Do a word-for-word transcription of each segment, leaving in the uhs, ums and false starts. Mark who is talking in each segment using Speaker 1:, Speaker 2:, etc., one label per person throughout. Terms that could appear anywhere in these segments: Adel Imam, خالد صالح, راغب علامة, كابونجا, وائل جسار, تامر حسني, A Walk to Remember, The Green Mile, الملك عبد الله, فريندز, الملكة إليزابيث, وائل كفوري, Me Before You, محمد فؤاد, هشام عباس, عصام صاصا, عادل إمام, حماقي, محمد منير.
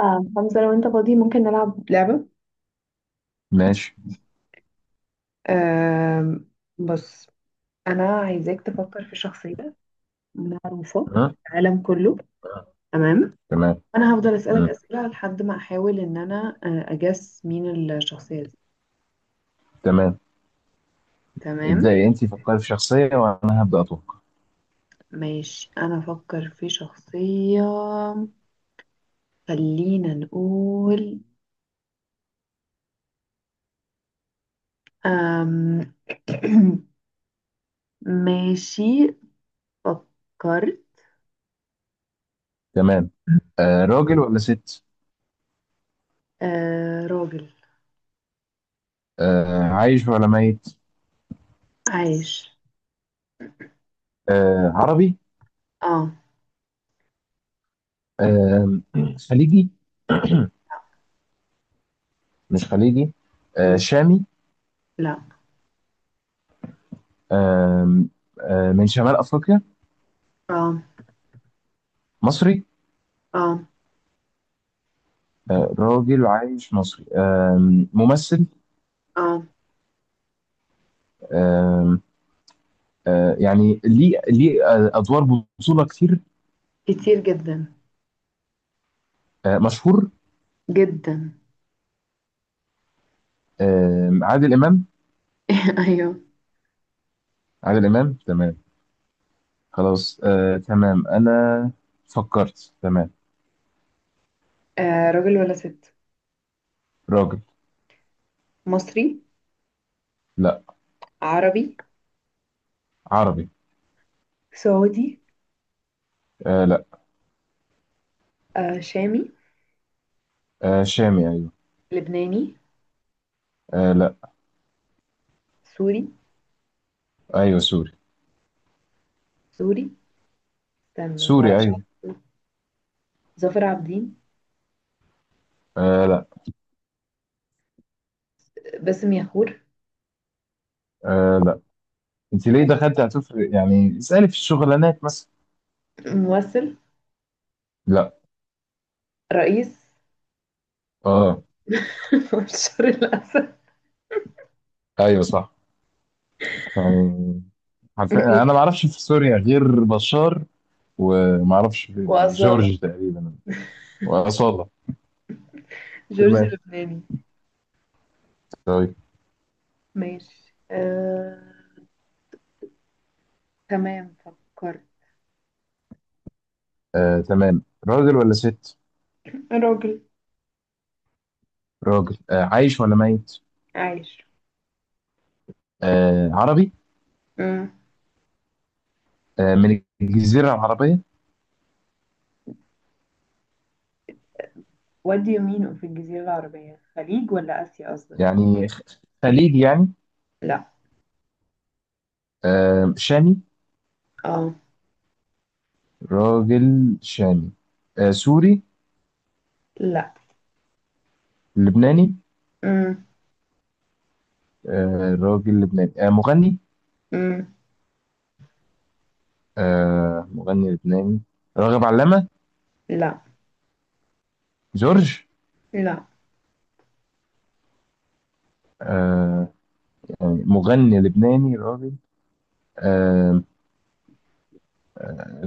Speaker 1: اه، حمزة لو انت فاضي ممكن نلعب لعبة؟
Speaker 2: ماشي.
Speaker 1: آم، بص، انا عايزاك تفكر في شخصية معروفة
Speaker 2: ها؟
Speaker 1: في العالم كله. تمام.
Speaker 2: تمام.
Speaker 1: انا هفضل اسألك
Speaker 2: مم.
Speaker 1: اسئلة لحد ما احاول ان انا آه، اجس مين الشخصية دي.
Speaker 2: تمام،
Speaker 1: تمام،
Speaker 2: ابدأي انت، فكري في شخصية وانا هبدأ اتوقع.
Speaker 1: ماشي، انا افكر في شخصية. خلينا نقول آم، ماشي، فكرت.
Speaker 2: تمام. آه راجل ولا ست؟
Speaker 1: آه راجل.
Speaker 2: آه عايش ولا ميت؟
Speaker 1: عايش.
Speaker 2: آه عربي؟
Speaker 1: اه.
Speaker 2: آه. خليجي؟
Speaker 1: لا.
Speaker 2: مش خليجي. آه
Speaker 1: مم.
Speaker 2: شامي؟
Speaker 1: لا.
Speaker 2: آه. آه من شمال أفريقيا؟
Speaker 1: آه.
Speaker 2: مصري؟
Speaker 1: اه
Speaker 2: آه راجل عايش مصري، آه ممثل.
Speaker 1: اه.
Speaker 2: آه آه يعني ليه ليه آه، أدوار بطولة كتير.
Speaker 1: كتير جدا.
Speaker 2: آه مشهور.
Speaker 1: جدا.
Speaker 2: آه عادل إمام.
Speaker 1: ايوه.
Speaker 2: عادل إمام، تمام. خلاص، آه تمام، أنا فكرت. تمام.
Speaker 1: آه راجل ولا ست؟
Speaker 2: راجل.
Speaker 1: مصري.
Speaker 2: لا.
Speaker 1: عربي.
Speaker 2: عربي.
Speaker 1: سعودي.
Speaker 2: آه لا.
Speaker 1: آه شامي.
Speaker 2: آه شامي، أيوه.
Speaker 1: لبناني.
Speaker 2: آه لا.
Speaker 1: سوري.
Speaker 2: أيوه سوري.
Speaker 1: سوري، استنى
Speaker 2: سوري
Speaker 1: معرفش
Speaker 2: أيوه.
Speaker 1: حد. ظافر عابدين.
Speaker 2: آه لا.
Speaker 1: باسم ياخور.
Speaker 2: آه لا. أنت ليه
Speaker 1: ممثل.
Speaker 2: دخلت هتفرق؟ يعني اسألي في الشغلانات مثلا.
Speaker 1: ممثل.
Speaker 2: لا.
Speaker 1: رئيس.
Speaker 2: آه.
Speaker 1: بشار الأسد.
Speaker 2: أيوه صح. يعني حرفيا أنا ما أعرفش في سوريا غير بشار، وما أعرفش في
Speaker 1: وأصالة.
Speaker 2: جورج تقريبا. وأصالة.
Speaker 1: جورج
Speaker 2: تمام.
Speaker 1: لبناني.
Speaker 2: طيب.
Speaker 1: ماشي آه، تمام فكرت.
Speaker 2: آه تمام، راجل ولا ست؟
Speaker 1: راجل.
Speaker 2: راجل. آه عايش ولا ميت؟
Speaker 1: عايش.
Speaker 2: آه عربي؟
Speaker 1: مم.
Speaker 2: آه، من الجزيرة العربية.
Speaker 1: وادي يمينه في الجزيرة العربية، خليج ولا آسيا قصدك؟
Speaker 2: يعني خ- خليجي يعني.
Speaker 1: لا.
Speaker 2: آه، شامي.
Speaker 1: اه.
Speaker 2: راجل شامي. آه، سوري؟
Speaker 1: لا.
Speaker 2: لبناني؟
Speaker 1: امم.
Speaker 2: آه، راجل لبناني، آه، مغني.
Speaker 1: امم.
Speaker 2: آه، مغني لبناني. راغب علامة؟
Speaker 1: لا.
Speaker 2: جورج؟
Speaker 1: لا.
Speaker 2: آه، يعني مغني لبناني راجل، آه،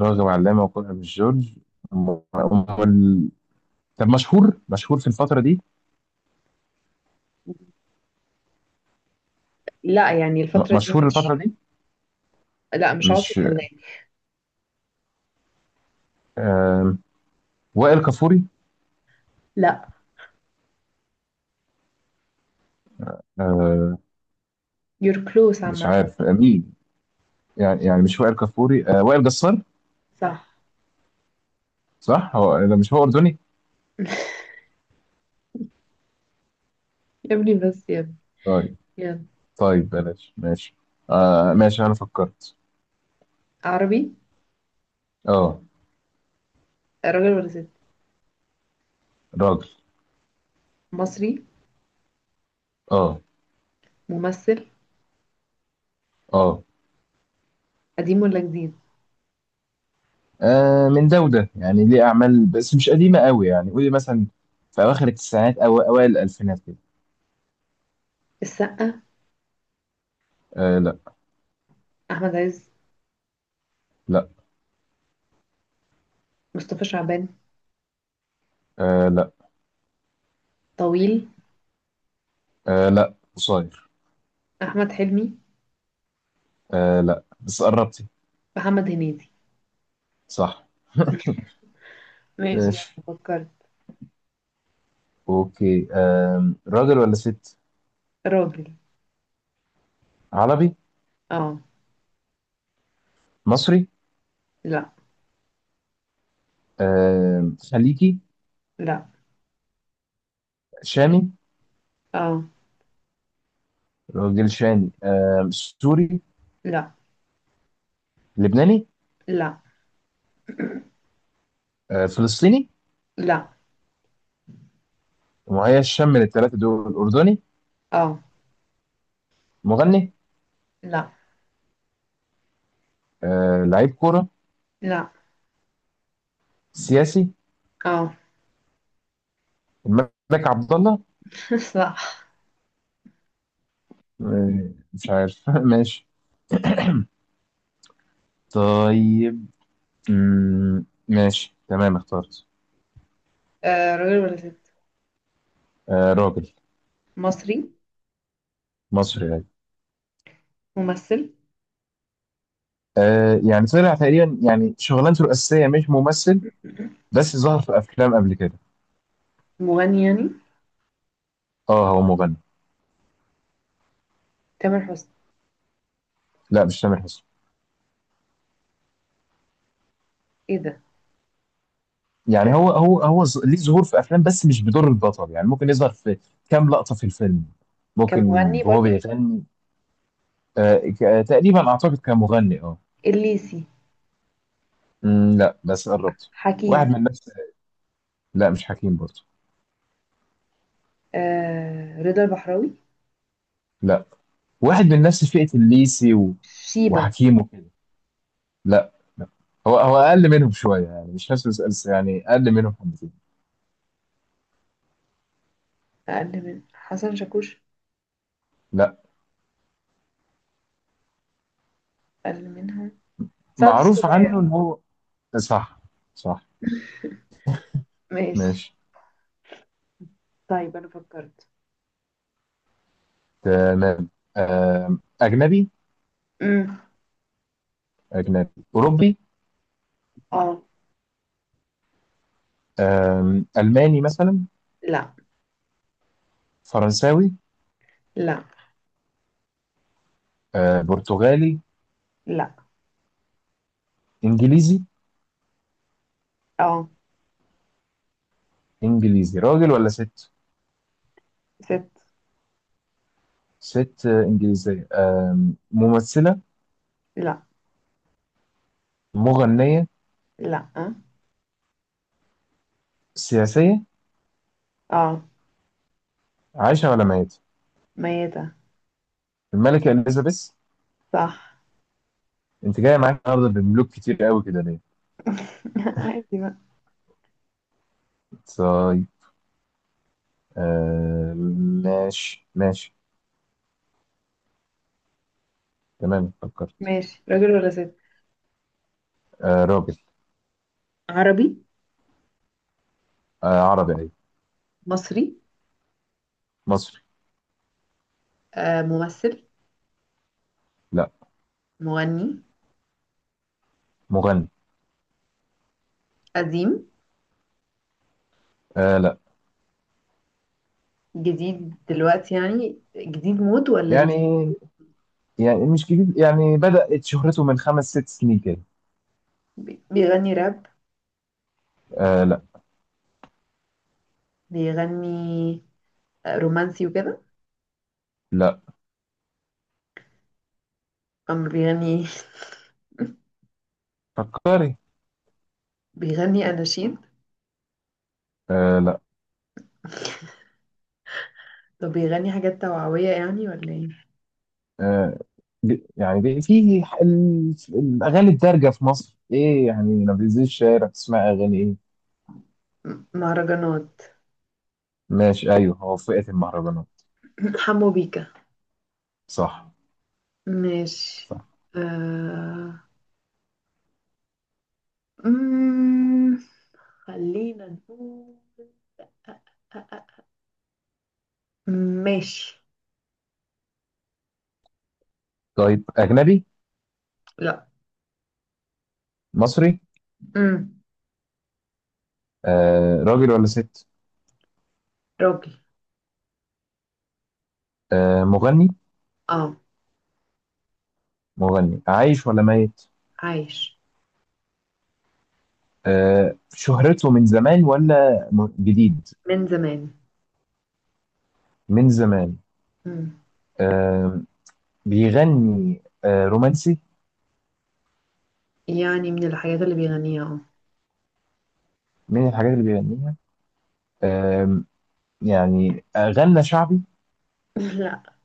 Speaker 2: راغب علامة وكلها مش جورج. م- م- طب مشهور مشهور في الفترة دي؟
Speaker 1: لا، يعني
Speaker 2: م-
Speaker 1: الفترة دي
Speaker 2: مشهور
Speaker 1: مش.
Speaker 2: الفترة دي.
Speaker 1: لا، مش عاصي
Speaker 2: مش.
Speaker 1: الحلال.
Speaker 2: آه، وائل كفوري.
Speaker 1: لا.
Speaker 2: آه،
Speaker 1: you're close
Speaker 2: مش
Speaker 1: عامة.
Speaker 2: عارف آه، مين. يعني يعني مش وائل كفوري، آه وائل جسار.
Speaker 1: صح.
Speaker 2: صح. هو ده. مش هو أردني؟
Speaker 1: يا ابني، بس يا ابني.
Speaker 2: طيب.
Speaker 1: يلا.
Speaker 2: طيب بلاش ماشي. آه ماشي، أنا فكرت.
Speaker 1: عربي.
Speaker 2: اه.
Speaker 1: راجل ولا ست؟
Speaker 2: راجل.
Speaker 1: مصري.
Speaker 2: اه.
Speaker 1: ممثل.
Speaker 2: اه.
Speaker 1: قديم ولا جديد؟
Speaker 2: آه، من ده وده، يعني ليه أعمال بس مش قديمة قوي. يعني قولي مثلا في أواخر التسعينات أو أوائل الألفينات كده.
Speaker 1: السقا.
Speaker 2: آه لا.
Speaker 1: أحمد عز.
Speaker 2: لا.
Speaker 1: مصطفى شعبان.
Speaker 2: آه لا.
Speaker 1: طويل.
Speaker 2: آه لا، قصير.
Speaker 1: أحمد حلمي.
Speaker 2: آه لا بس قربتي.
Speaker 1: محمد هنيدي.
Speaker 2: صح.
Speaker 1: ماشي، يلا
Speaker 2: ماشي.
Speaker 1: فكرت.
Speaker 2: أوكي، آه راجل ولا ست؟
Speaker 1: راجل.
Speaker 2: عربي.
Speaker 1: اه.
Speaker 2: مصري.
Speaker 1: لا.
Speaker 2: آه خليجي.
Speaker 1: لا.
Speaker 2: شامي.
Speaker 1: اه.
Speaker 2: راجل شامي. آه، سوري؟
Speaker 1: لا.
Speaker 2: لبناني؟
Speaker 1: لا.
Speaker 2: آه، فلسطيني؟
Speaker 1: لا.
Speaker 2: مهيئ الشام من الثلاثه دول، اردني.
Speaker 1: اه.
Speaker 2: مغني؟
Speaker 1: لا.
Speaker 2: آه، لعيب كوره؟
Speaker 1: لا.
Speaker 2: سياسي.
Speaker 1: اه.
Speaker 2: الملك عبد الله.
Speaker 1: صح.
Speaker 2: آه، مش عارف. ماشي. طيب. مم، ماشي تمام، اخترت.
Speaker 1: آه راجل ولا ست؟
Speaker 2: آه، راجل.
Speaker 1: مصري.
Speaker 2: مصري يعني.
Speaker 1: ممثل.
Speaker 2: آه، يعني طلع تقريبا، يعني شغلانته الاساسيه مش ممثل، بس ظهر في افلام قبل كده.
Speaker 1: مغني يعني؟
Speaker 2: اه هو مغني.
Speaker 1: تامر حسني.
Speaker 2: لا مش تامر حسني.
Speaker 1: ايه ده؟ آه،
Speaker 2: يعني هو هو هو ز- ليه ظهور في افلام بس مش بدور البطل. يعني ممكن يظهر في كام لقطه في الفيلم.
Speaker 1: كان
Speaker 2: ممكن.
Speaker 1: مغني
Speaker 2: وهو
Speaker 1: برضو.
Speaker 2: بيغني. آه ك- تقريبا اعتقد كمغني، اه.
Speaker 1: الليسي.
Speaker 2: مم، لا بس قربت. واحد
Speaker 1: حكيم.
Speaker 2: من نفس. لا مش حكيم برضه.
Speaker 1: آه رضا البحراوي.
Speaker 2: لا. واحد من نفس فئه الليسي و...
Speaker 1: شيبة.
Speaker 2: وحكيم وكده. لا. لا. هو هو اقل منهم شويه يعني، مش نفس الس- يعني اقل منهم حبتين.
Speaker 1: أقل من حسن شاكوش؟
Speaker 2: لا.
Speaker 1: أقل منها. سعد
Speaker 2: معروف
Speaker 1: الصغير.
Speaker 2: عنه ان هو. صح. صح.
Speaker 1: ماشي.
Speaker 2: ماشي.
Speaker 1: طيب، أنا فكرت.
Speaker 2: تمام. آم، اجنبي.
Speaker 1: امم.
Speaker 2: أجنبي. أوروبي.
Speaker 1: اه.
Speaker 2: آم، ألماني مثلا.
Speaker 1: لا.
Speaker 2: فرنساوي.
Speaker 1: لا.
Speaker 2: آه، برتغالي.
Speaker 1: لا.
Speaker 2: إنجليزي.
Speaker 1: اه.
Speaker 2: إنجليزي راجل ولا ست؟
Speaker 1: ست.
Speaker 2: ست. آه، إنجليزية، آم، ممثلة.
Speaker 1: لا.
Speaker 2: مغنية.
Speaker 1: لا. اه.
Speaker 2: سياسية.
Speaker 1: اه.
Speaker 2: عايشة ولا ميتة؟
Speaker 1: ميتة.
Speaker 2: الملكة إليزابيث.
Speaker 1: صح.
Speaker 2: أنت جاية معاك النهاردة بملوك كتير قوي كده ليه؟
Speaker 1: عادي بقى.
Speaker 2: طيب. آه، ماشي ماشي. تمام فكرت.
Speaker 1: ماشي. راجل ولا ست؟
Speaker 2: آه، راجل.
Speaker 1: عربي.
Speaker 2: آه، عربي أيوة.
Speaker 1: مصري.
Speaker 2: مصري.
Speaker 1: آه، ممثل.
Speaker 2: لا.
Speaker 1: مغني.
Speaker 2: مغني.
Speaker 1: قديم.
Speaker 2: آه لا.
Speaker 1: جديد دلوقتي، يعني جديد مود ولا
Speaker 2: يعني
Speaker 1: جديد؟
Speaker 2: يعني مش جديد، يعني بدأت شهرته من خمس ست سنين كده.
Speaker 1: بي- بيغني راب.
Speaker 2: آه لا.
Speaker 1: بيغني آه، رومانسي وكده.
Speaker 2: لا.
Speaker 1: أم بيغني.
Speaker 2: فكري.
Speaker 1: بيغني أناشيد.
Speaker 2: آه لا.
Speaker 1: طب بيغني حاجات توعوية يعني ولا ايه؟
Speaker 2: آه. ب- يعني ب- في ح- ال- الأغاني الدارجة في مصر إيه؟ يعني لما بتنزل الشارع تسمع أغاني إيه؟
Speaker 1: م- مهرجانات.
Speaker 2: ماشي أيوه، هو فئة المهرجانات.
Speaker 1: حمو بيكا.
Speaker 2: صح.
Speaker 1: ماشي
Speaker 2: صح.
Speaker 1: آه، مم، خلينا نقول آه، آه، آه، ماشي.
Speaker 2: طيب. أجنبي؟
Speaker 1: لا.
Speaker 2: مصري؟
Speaker 1: امم.
Speaker 2: آه راجل ولا ست؟
Speaker 1: راجل.
Speaker 2: آه مغني.
Speaker 1: اه.
Speaker 2: مغني عايش ولا ميت؟
Speaker 1: عايش.
Speaker 2: آه شهرته من زمان ولا م- جديد؟
Speaker 1: من زمان.
Speaker 2: من زمان.
Speaker 1: امم.
Speaker 2: آه، بيغني آه، رومانسي،
Speaker 1: يعني من الحاجات اللي بيغنيها.
Speaker 2: من الحاجات اللي بيغنيها. آم، يعني غنى شعبي؟
Speaker 1: اه.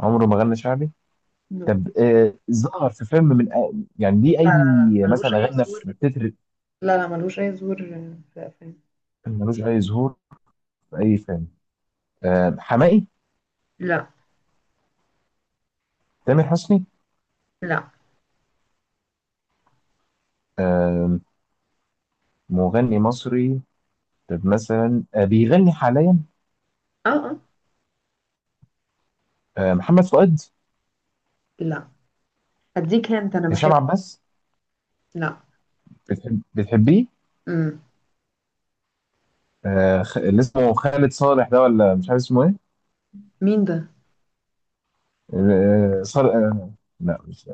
Speaker 2: عمره ما غنى شعبي.
Speaker 1: لا. لا.
Speaker 2: طب آه، ظهر في فيلم من، يعني ليه
Speaker 1: لا.
Speaker 2: اي،
Speaker 1: لا ملوش
Speaker 2: مثلا
Speaker 1: اي
Speaker 2: غنى
Speaker 1: ظهور.
Speaker 2: في تتر؟
Speaker 1: لا لا ملوش اي ظهور في الافلام.
Speaker 2: ملوش اي ظهور في اي فيلم. آم، حماقي؟
Speaker 1: لا.
Speaker 2: تامر حسني؟
Speaker 1: لا.
Speaker 2: آم، مغني مصري. طب مثلا آه، بيغني حاليا.
Speaker 1: اه اه.
Speaker 2: آه، محمد فؤاد؟
Speaker 1: لا، هديك هنت انا
Speaker 2: هشام
Speaker 1: بحب.
Speaker 2: عباس؟
Speaker 1: لا.
Speaker 2: بتحب بتحبيه
Speaker 1: امم.
Speaker 2: آه، خ- اللي اسمه خالد صالح ده، ولا مش عارف اسمه ايه؟
Speaker 1: مين ده؟
Speaker 2: آه، صالح. آه، لا مش.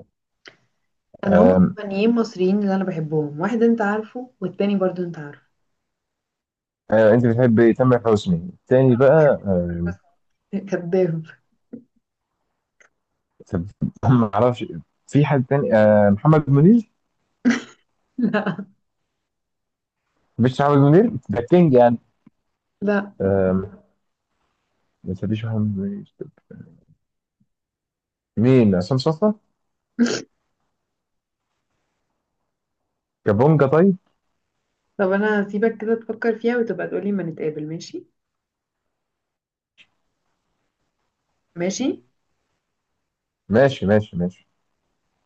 Speaker 1: انا هم مغنيين مصريين اللي انا بحبهم، واحد انت عارفه والتاني برضو انت عارفه.
Speaker 2: آه، انت بتحب تامر حسني التاني بقى. آه،
Speaker 1: كذاب.
Speaker 2: طب ما اعرفش. في حد تاني، آه، محمد منير؟
Speaker 1: لا.
Speaker 2: مش محمد منير ده كينج يعني.
Speaker 1: لا.
Speaker 2: آه، ما تسيبيش محمد منير. مين عصام صاصا؟ كابونجا؟ طيب.
Speaker 1: طب انا هسيبك كده تفكر فيها وتبقى تقولي ما نتقابل. ماشي. ماشي.
Speaker 2: ماشي ماشي ماشي.